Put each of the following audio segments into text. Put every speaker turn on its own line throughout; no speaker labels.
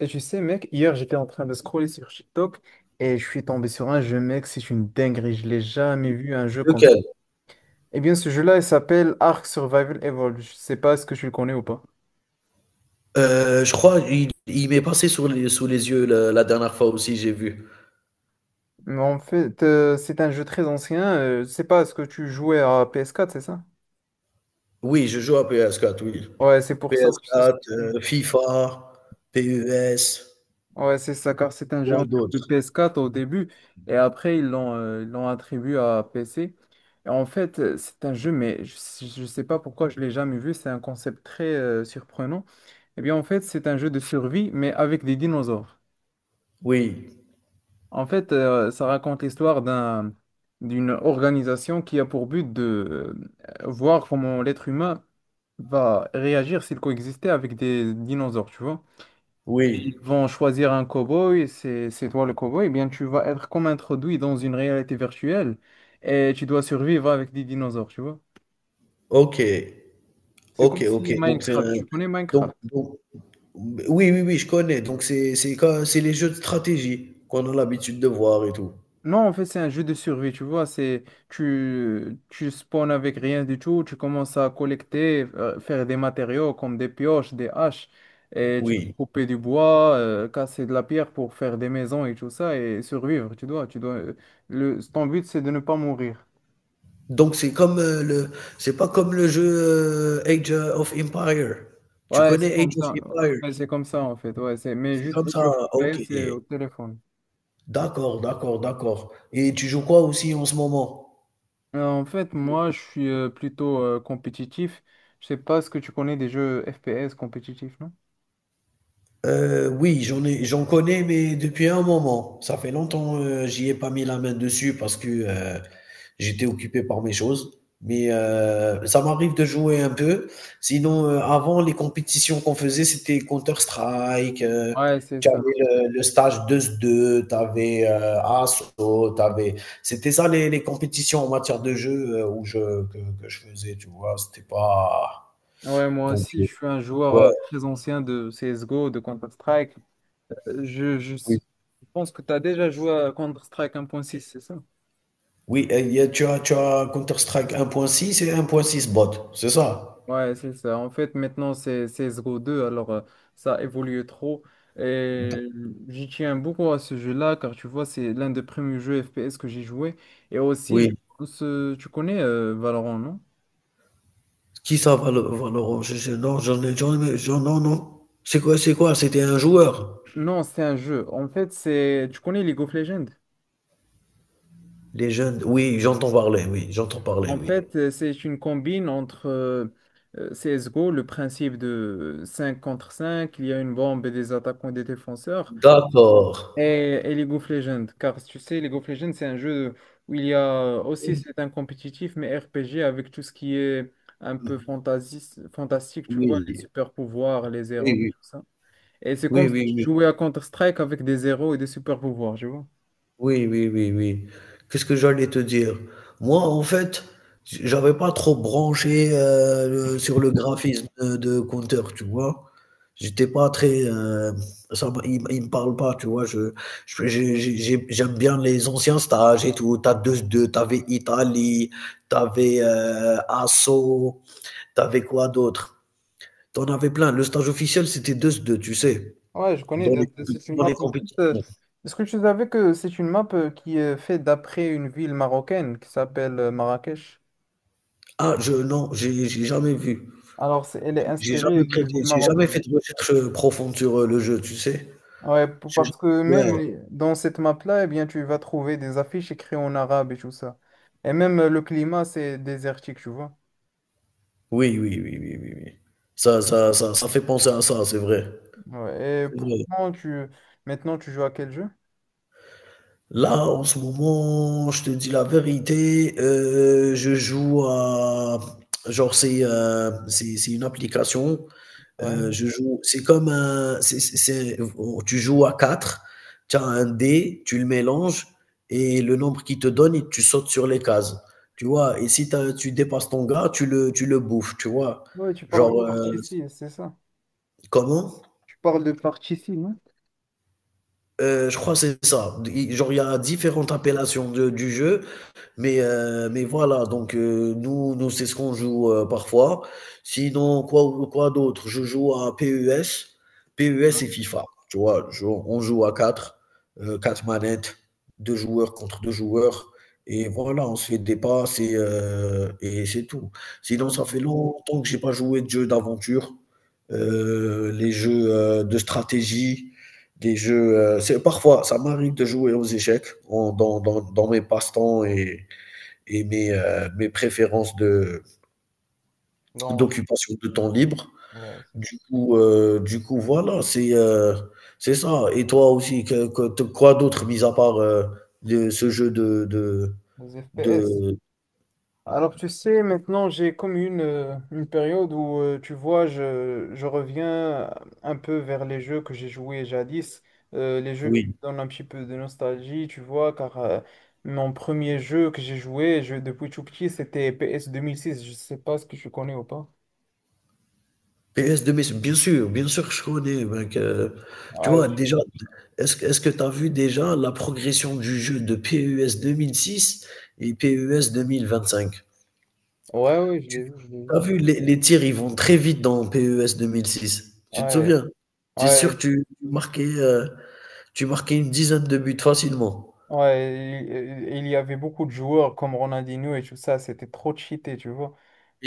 Et tu sais, mec, hier j'étais en train de scroller sur TikTok et je suis tombé sur un jeu, mec, c'est une dinguerie. Je l'ai jamais vu un jeu comme ça.
Lequel?
Eh bien, ce jeu-là, il s'appelle Ark Survival Evolved. Je sais pas si que tu le connais ou pas.
Je crois il m'est passé sous les yeux la dernière fois aussi, j'ai vu.
Mais en fait, c'est un jeu très ancien. Je sais pas, est-ce que tu jouais à PS4, c'est ça?
Oui, je joue à PS4, oui.
Ouais, c'est pour ça que.
PS4, FIFA, PES,
Ouais, c'est ça, car c'est un jeu en
quoi
plus de
d'autre?
PS4 au début, et après ils l'ont attribué à PC. Et en fait, c'est un jeu, mais je ne sais pas pourquoi je l'ai jamais vu, c'est un concept très surprenant. Eh bien, en fait, c'est un jeu de survie, mais avec des dinosaures.
Oui,
En fait, ça raconte l'histoire d'une organisation qui a pour but de voir comment l'être humain va réagir s'il coexistait avec des dinosaures, tu vois.
oui.
Vont choisir un cow-boy, c'est toi le cow-boy, eh bien tu vas être comme introduit dans une réalité virtuelle et tu dois survivre avec des dinosaures, tu vois.
OK.
C'est comme
OK, OK.
si
Donc c'est
Minecraft,
un
tu connais Minecraft?
donc oui, oui, oui, je connais. Donc c'est quand c'est les jeux de stratégie qu'on a l'habitude de voir et tout.
Non, en fait, c'est un jeu de survie, tu vois, c'est tu spawns avec rien du tout, tu commences à collecter, faire des matériaux comme des pioches, des haches et tu dois
Oui.
couper du bois, casser de la pierre pour faire des maisons et tout ça et survivre, tu dois le ton but c'est de ne pas mourir.
Donc c'est comme c'est pas comme le jeu Age of Empire. Tu
Ouais, c'est
connais
comme
Age of
ça.
Empire?
Ouais, c'est comme ça en fait. Ouais, c'est... Mais
C'est
juste
comme
les
ça.
jeux Free Fire,
OK.
c'est au téléphone.
D'accord, d'accord, d'accord. Et tu joues quoi aussi en ce moment?
En fait, moi, je suis plutôt compétitif. Je sais pas ce que tu connais des jeux FPS compétitifs, non?
Oui, j'en connais, mais depuis un moment. Ça fait longtemps, j'y ai pas mis la main dessus parce que j'étais occupé par mes choses. Mais ça m'arrive de jouer un peu. Sinon, avant, les compétitions qu'on faisait, c'était Counter-Strike. euh,
Ouais, c'est
tu
ça.
avais le stage 2-2, tu avais Assaut, c'était ça les compétitions en matière de jeu, euh, où je, que je faisais, tu vois. C'était pas.
Ouais, moi
Donc,
aussi, je suis un joueur
ouais,
très ancien de CSGO, de Counter-Strike. Euh, Je, je
oui.
s- je pense que tu as déjà joué à Counter-Strike 1.6, c'est ça?
Oui, et tu as Counter-Strike 1.6 et 1.6 bot, c'est ça?
Ouais, c'est ça. En fait, maintenant, c'est 02, alors ça évolue trop. Et
D-
j'y tiens beaucoup à ce jeu-là, car tu vois, c'est l'un des premiers jeux FPS que j'ai joué. Et aussi, je
Oui,
pense, tu connais Valorant, non?
qui ça, Valorant? Non, non, non. C'est quoi, c'est quoi? C'était un joueur.
Non, c'est un jeu. En fait, c'est... Tu connais League of Legends?
Les jeunes, oui, j'entends parler, oui, j'entends parler,
En
oui.
fait, c'est une combine entre CSGO, le principe de 5 contre cinq, il y a une bombe et des attaquants et des défenseurs.
D'accord.
Et League of Legends, car tu sais, League of Legends, c'est un jeu où il y a aussi, c'est un compétitif, mais RPG avec tout ce qui est un peu fantasiste, fantastique, tu vois, les
Oui,
super pouvoirs, les
oui,
héros,
oui,
tout ça. Et c'est comme
oui,
si
oui,
tu
oui.
jouais à Counter-Strike avec des héros et des super pouvoirs, tu vois.
Oui, oui, oui, oui. Qu'est-ce que j'allais te dire? Moi, en fait, j'avais pas trop branché, sur le graphisme de Counter, tu vois. J'étais pas très. Il me parle pas, tu vois. J'aime bien les anciens stages et tout. T'as t'avais Italie, t'avais Asso, t'avais quoi d'autre? T'en avais plein. Le stage officiel, c'était deux. 2, tu sais,
Ouais, je connais,
dans
d'ailleurs, c'est une
dans les
map.
compétitions.
Est-ce que tu savais que c'est une map qui est faite d'après une ville marocaine qui s'appelle Marrakech?
Ah, non, j'ai jamais vu.
Alors, elle est inspirée d'une ville
J'ai jamais fait
marocaine.
de recherche, profonde sur le jeu, tu sais?
Ouais,
J'ai ja
parce que même
Ouais.
dans cette map-là, eh bien, tu vas trouver des affiches écrites en arabe et tout ça. Et même le climat, c'est désertique, tu vois.
Oui, oui, oui, oui, oui, oui. Ça fait penser à ça, c'est vrai,
Ouais, et
c'est vrai.
pourtant, tu... maintenant, tu joues à quel jeu?
Là, en ce moment, je te dis la vérité, je joue à genre c'est une application.
Ouais.
Je joue c'est comme un Tu joues à quatre, tu as un dé, tu le mélanges, et le nombre qu'il te donne, et tu sautes sur les cases, tu vois? Et si t'as tu dépasses ton gars, tu le bouffes, tu vois?
Ouais, tu parles de
Genre,
partie
heu
ici, c'est ça.
Comment?
Tu parles de partie ici, non?
Je crois que c'est ça. D Genre, il y a différentes appellations de du jeu. Mais voilà, donc nous nous, c'est ce qu'on joue, parfois. Sinon, quoi d'autre? Je joue à PES,
Ouais.
PES et FIFA, tu vois? Je On joue à quatre, 4 manettes, 2 joueurs contre 2 joueurs, et voilà, on se fait des passes, et c'est tout. Sinon,
Ouais.
ça fait longtemps que j'ai pas joué de jeux d'aventure, les jeux, de stratégie, des jeux, c'est parfois, ça m'arrive de jouer aux échecs en dans dans dans mes passe-temps et mes préférences de
Non,
d'occupation de temps libre.
ouais, c'est ça.
Du coup, voilà, c'est ça. Et toi aussi, que te quoi d'autre mis à part, de ce jeu de de
Les FPS.
de
Alors, tu sais, maintenant, j'ai comme une période où, tu vois, je reviens un peu vers les jeux que j'ai joués jadis, les jeux qui me
oui,
donnent un petit peu de nostalgie, tu vois, car mon premier jeu que j'ai joué, je, depuis tout petit, c'était PS 2006, je sais pas ce que tu connais ou pas.
PS2, mais bien sûr que je connais, mec, tu
Ouais,
vois déjà, est-ce que tu as vu déjà la progression du jeu de PES 2006 et PES 2025?
ouais, ouais, je l'ai
Tu
vu, je l'ai vu.
as vu les tirs, ils vont très vite dans PES 2006. Tu te
Ouais,
souviens? Tu sûr
ouais,
tu tu marquais, Tu marquais une dizaine de buts facilement.
ouais, il y avait beaucoup de joueurs comme Ronaldinho et tout ça, c'était trop cheaté, tu vois.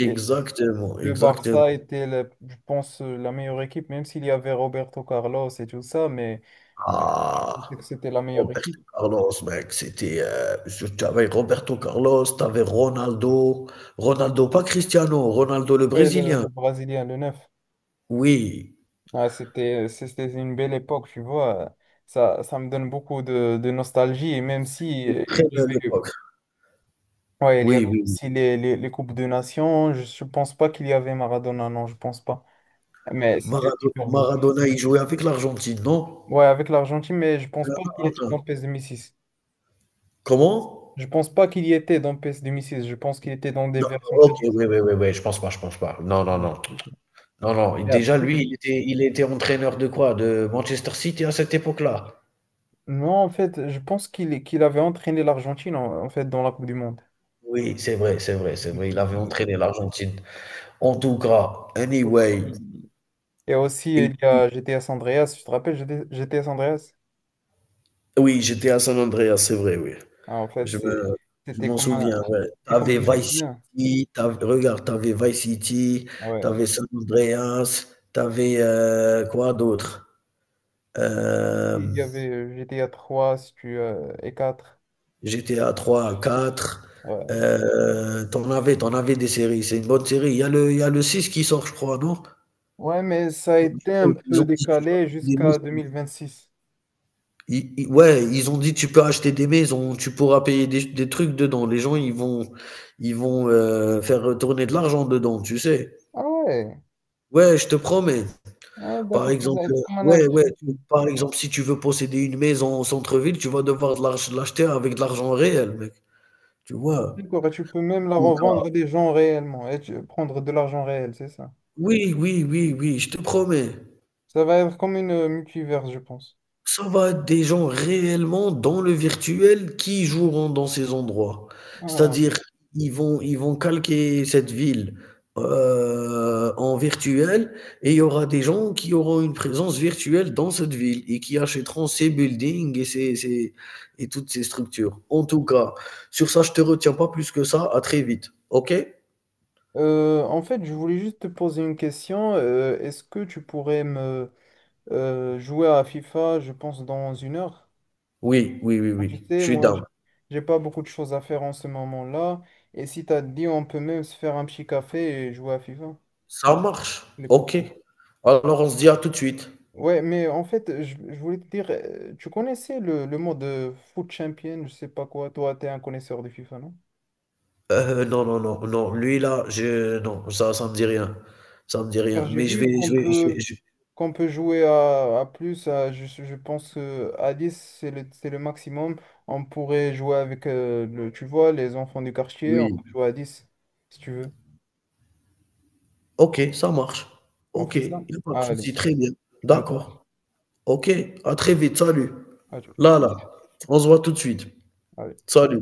Et, Le Barça
exactement.
était, je pense, la meilleure équipe, même s'il y avait Roberto Carlos et tout ça, mais je
Ah!
pensais que c'était la meilleure équipe.
Roberto Carlos, mec, tu avais Roberto Carlos, tu avais Ronaldo. Ronaldo, pas Cristiano, Ronaldo le
Ouais,
brésilien.
le Brésilien, le 9.
Oui,
Ah, c'était une belle époque, tu vois. Ça me donne beaucoup de nostalgie, et même si
une très
il y
belle
avait,
époque.
ouais, il y
Oui,
avait
oui, oui.
aussi les Coupes de Nations, je ne pense pas qu'il y avait Maradona, non, je pense pas. Mais c'était super beau.
Maradona, il jouait avec l'Argentine, non?
Ouais, avec l'Argentine, mais je
C'est
pense pas
un
qu'il était
Argentin.
dans PES 6.
Comment?
Je pense pas qu'il y était dans PS 6. Je pense qu'il était dans des
Non,
versions très...
OK, oui, oui, oui, oui, je pense pas, je pense pas. Non, non, non. Non, non,
Et
déjà lui,
après...
il était entraîneur de quoi? De Manchester City à cette époque-là?
Non, en fait, je pense qu'il avait entraîné l'Argentine en, en fait dans la Coupe du Monde.
Oui, c'est vrai, c'est vrai, c'est vrai, il avait entraîné l'Argentine. En tout cas, anyway.
Et aussi,
Et
il y
puis
a GTA San Andreas. Tu te rappelles GTA San Andreas?
oui, j'étais à San Andreas, c'est vrai, oui.
Ah, en fait,
Je me je m'en souviens, ouais.
c'était comme
T'avais
un
Vice
déclin.
City, tu regarde, t'avais Vice City,
Ah ouais.
t'avais San Andreas, quoi d'autre? Euh,
Il y avait GTA 3 si tu, et 4.
GTA 3, 4.
Ouais.
T'en avais des séries. C'est une bonne série. Il y a le 6 qui sort, je crois, non?
Ouais, mais ça a été un
Ils
peu
ont dit, tu peux acheter
décalé
des
jusqu'à
maisons.
2026.
Ouais, ils ont dit, tu peux acheter des maisons, tu pourras payer des trucs dedans. Les gens, ils vont faire retourner de l'argent dedans, tu sais?
Ah ouais.
Ouais, je te promets.
Ouais,
Par
d'accord, ça
exemple,
va être comme un
ouais, ouais,
investissement.
si tu veux posséder une maison au centre-ville, tu vas devoir de l'arch l'acheter avec de l'argent réel, mec. Tu vois?
D'accord, et tu peux
En
même la
tout cas.
revendre à des gens réellement et prendre de l'argent réel, c'est ça.
Oui, oui, oui, oui, je te promets.
Ça va être comme une multiverse, je pense.
Ça va être des gens réellement dans le virtuel qui joueront dans ces endroits.
Ah.
C'est-à-dire, ils vont calquer cette ville, en virtuel, et il y aura des gens qui auront une présence virtuelle dans cette ville et qui achèteront ces buildings et toutes ces structures. En tout cas, sur ça, je te retiens pas plus que ça. À très vite, OK?
En fait, je voulais juste te poser une question. Est-ce que tu pourrais me jouer à FIFA, je pense, dans une heure?
Oui, oui, oui,
Tu
oui, je
sais,
suis
moi,
down.
j'ai pas beaucoup de choses à faire en ce moment-là. Et si t'as dit, on peut même se faire un petit café et jouer à FIFA,
Ça marche,
les
OK.
copains.
Alors on se dit à tout de suite.
Ouais, mais en fait, je voulais te dire, tu connaissais le mot de foot champion, je sais pas quoi, toi, tu es un connaisseur de FIFA, non?
Non, non, non, non, lui là, je non, ça me dit rien, ça me dit
Car
rien,
j'ai
mais je
vu
vais je vais je vais je
qu'on peut jouer à, je pense à 10, c'est c'est le maximum. On pourrait jouer avec, tu vois, les enfants du quartier, on
oui.
peut jouer à 10, si tu veux.
OK, ça marche.
On
OK,
fait ça?
il y a pas de
Allez,
souci, très bien.
à...
D'accord. OK, à très vite, salut.
à tout...
Là, là, on se voit tout de suite.
à tout.
Salut.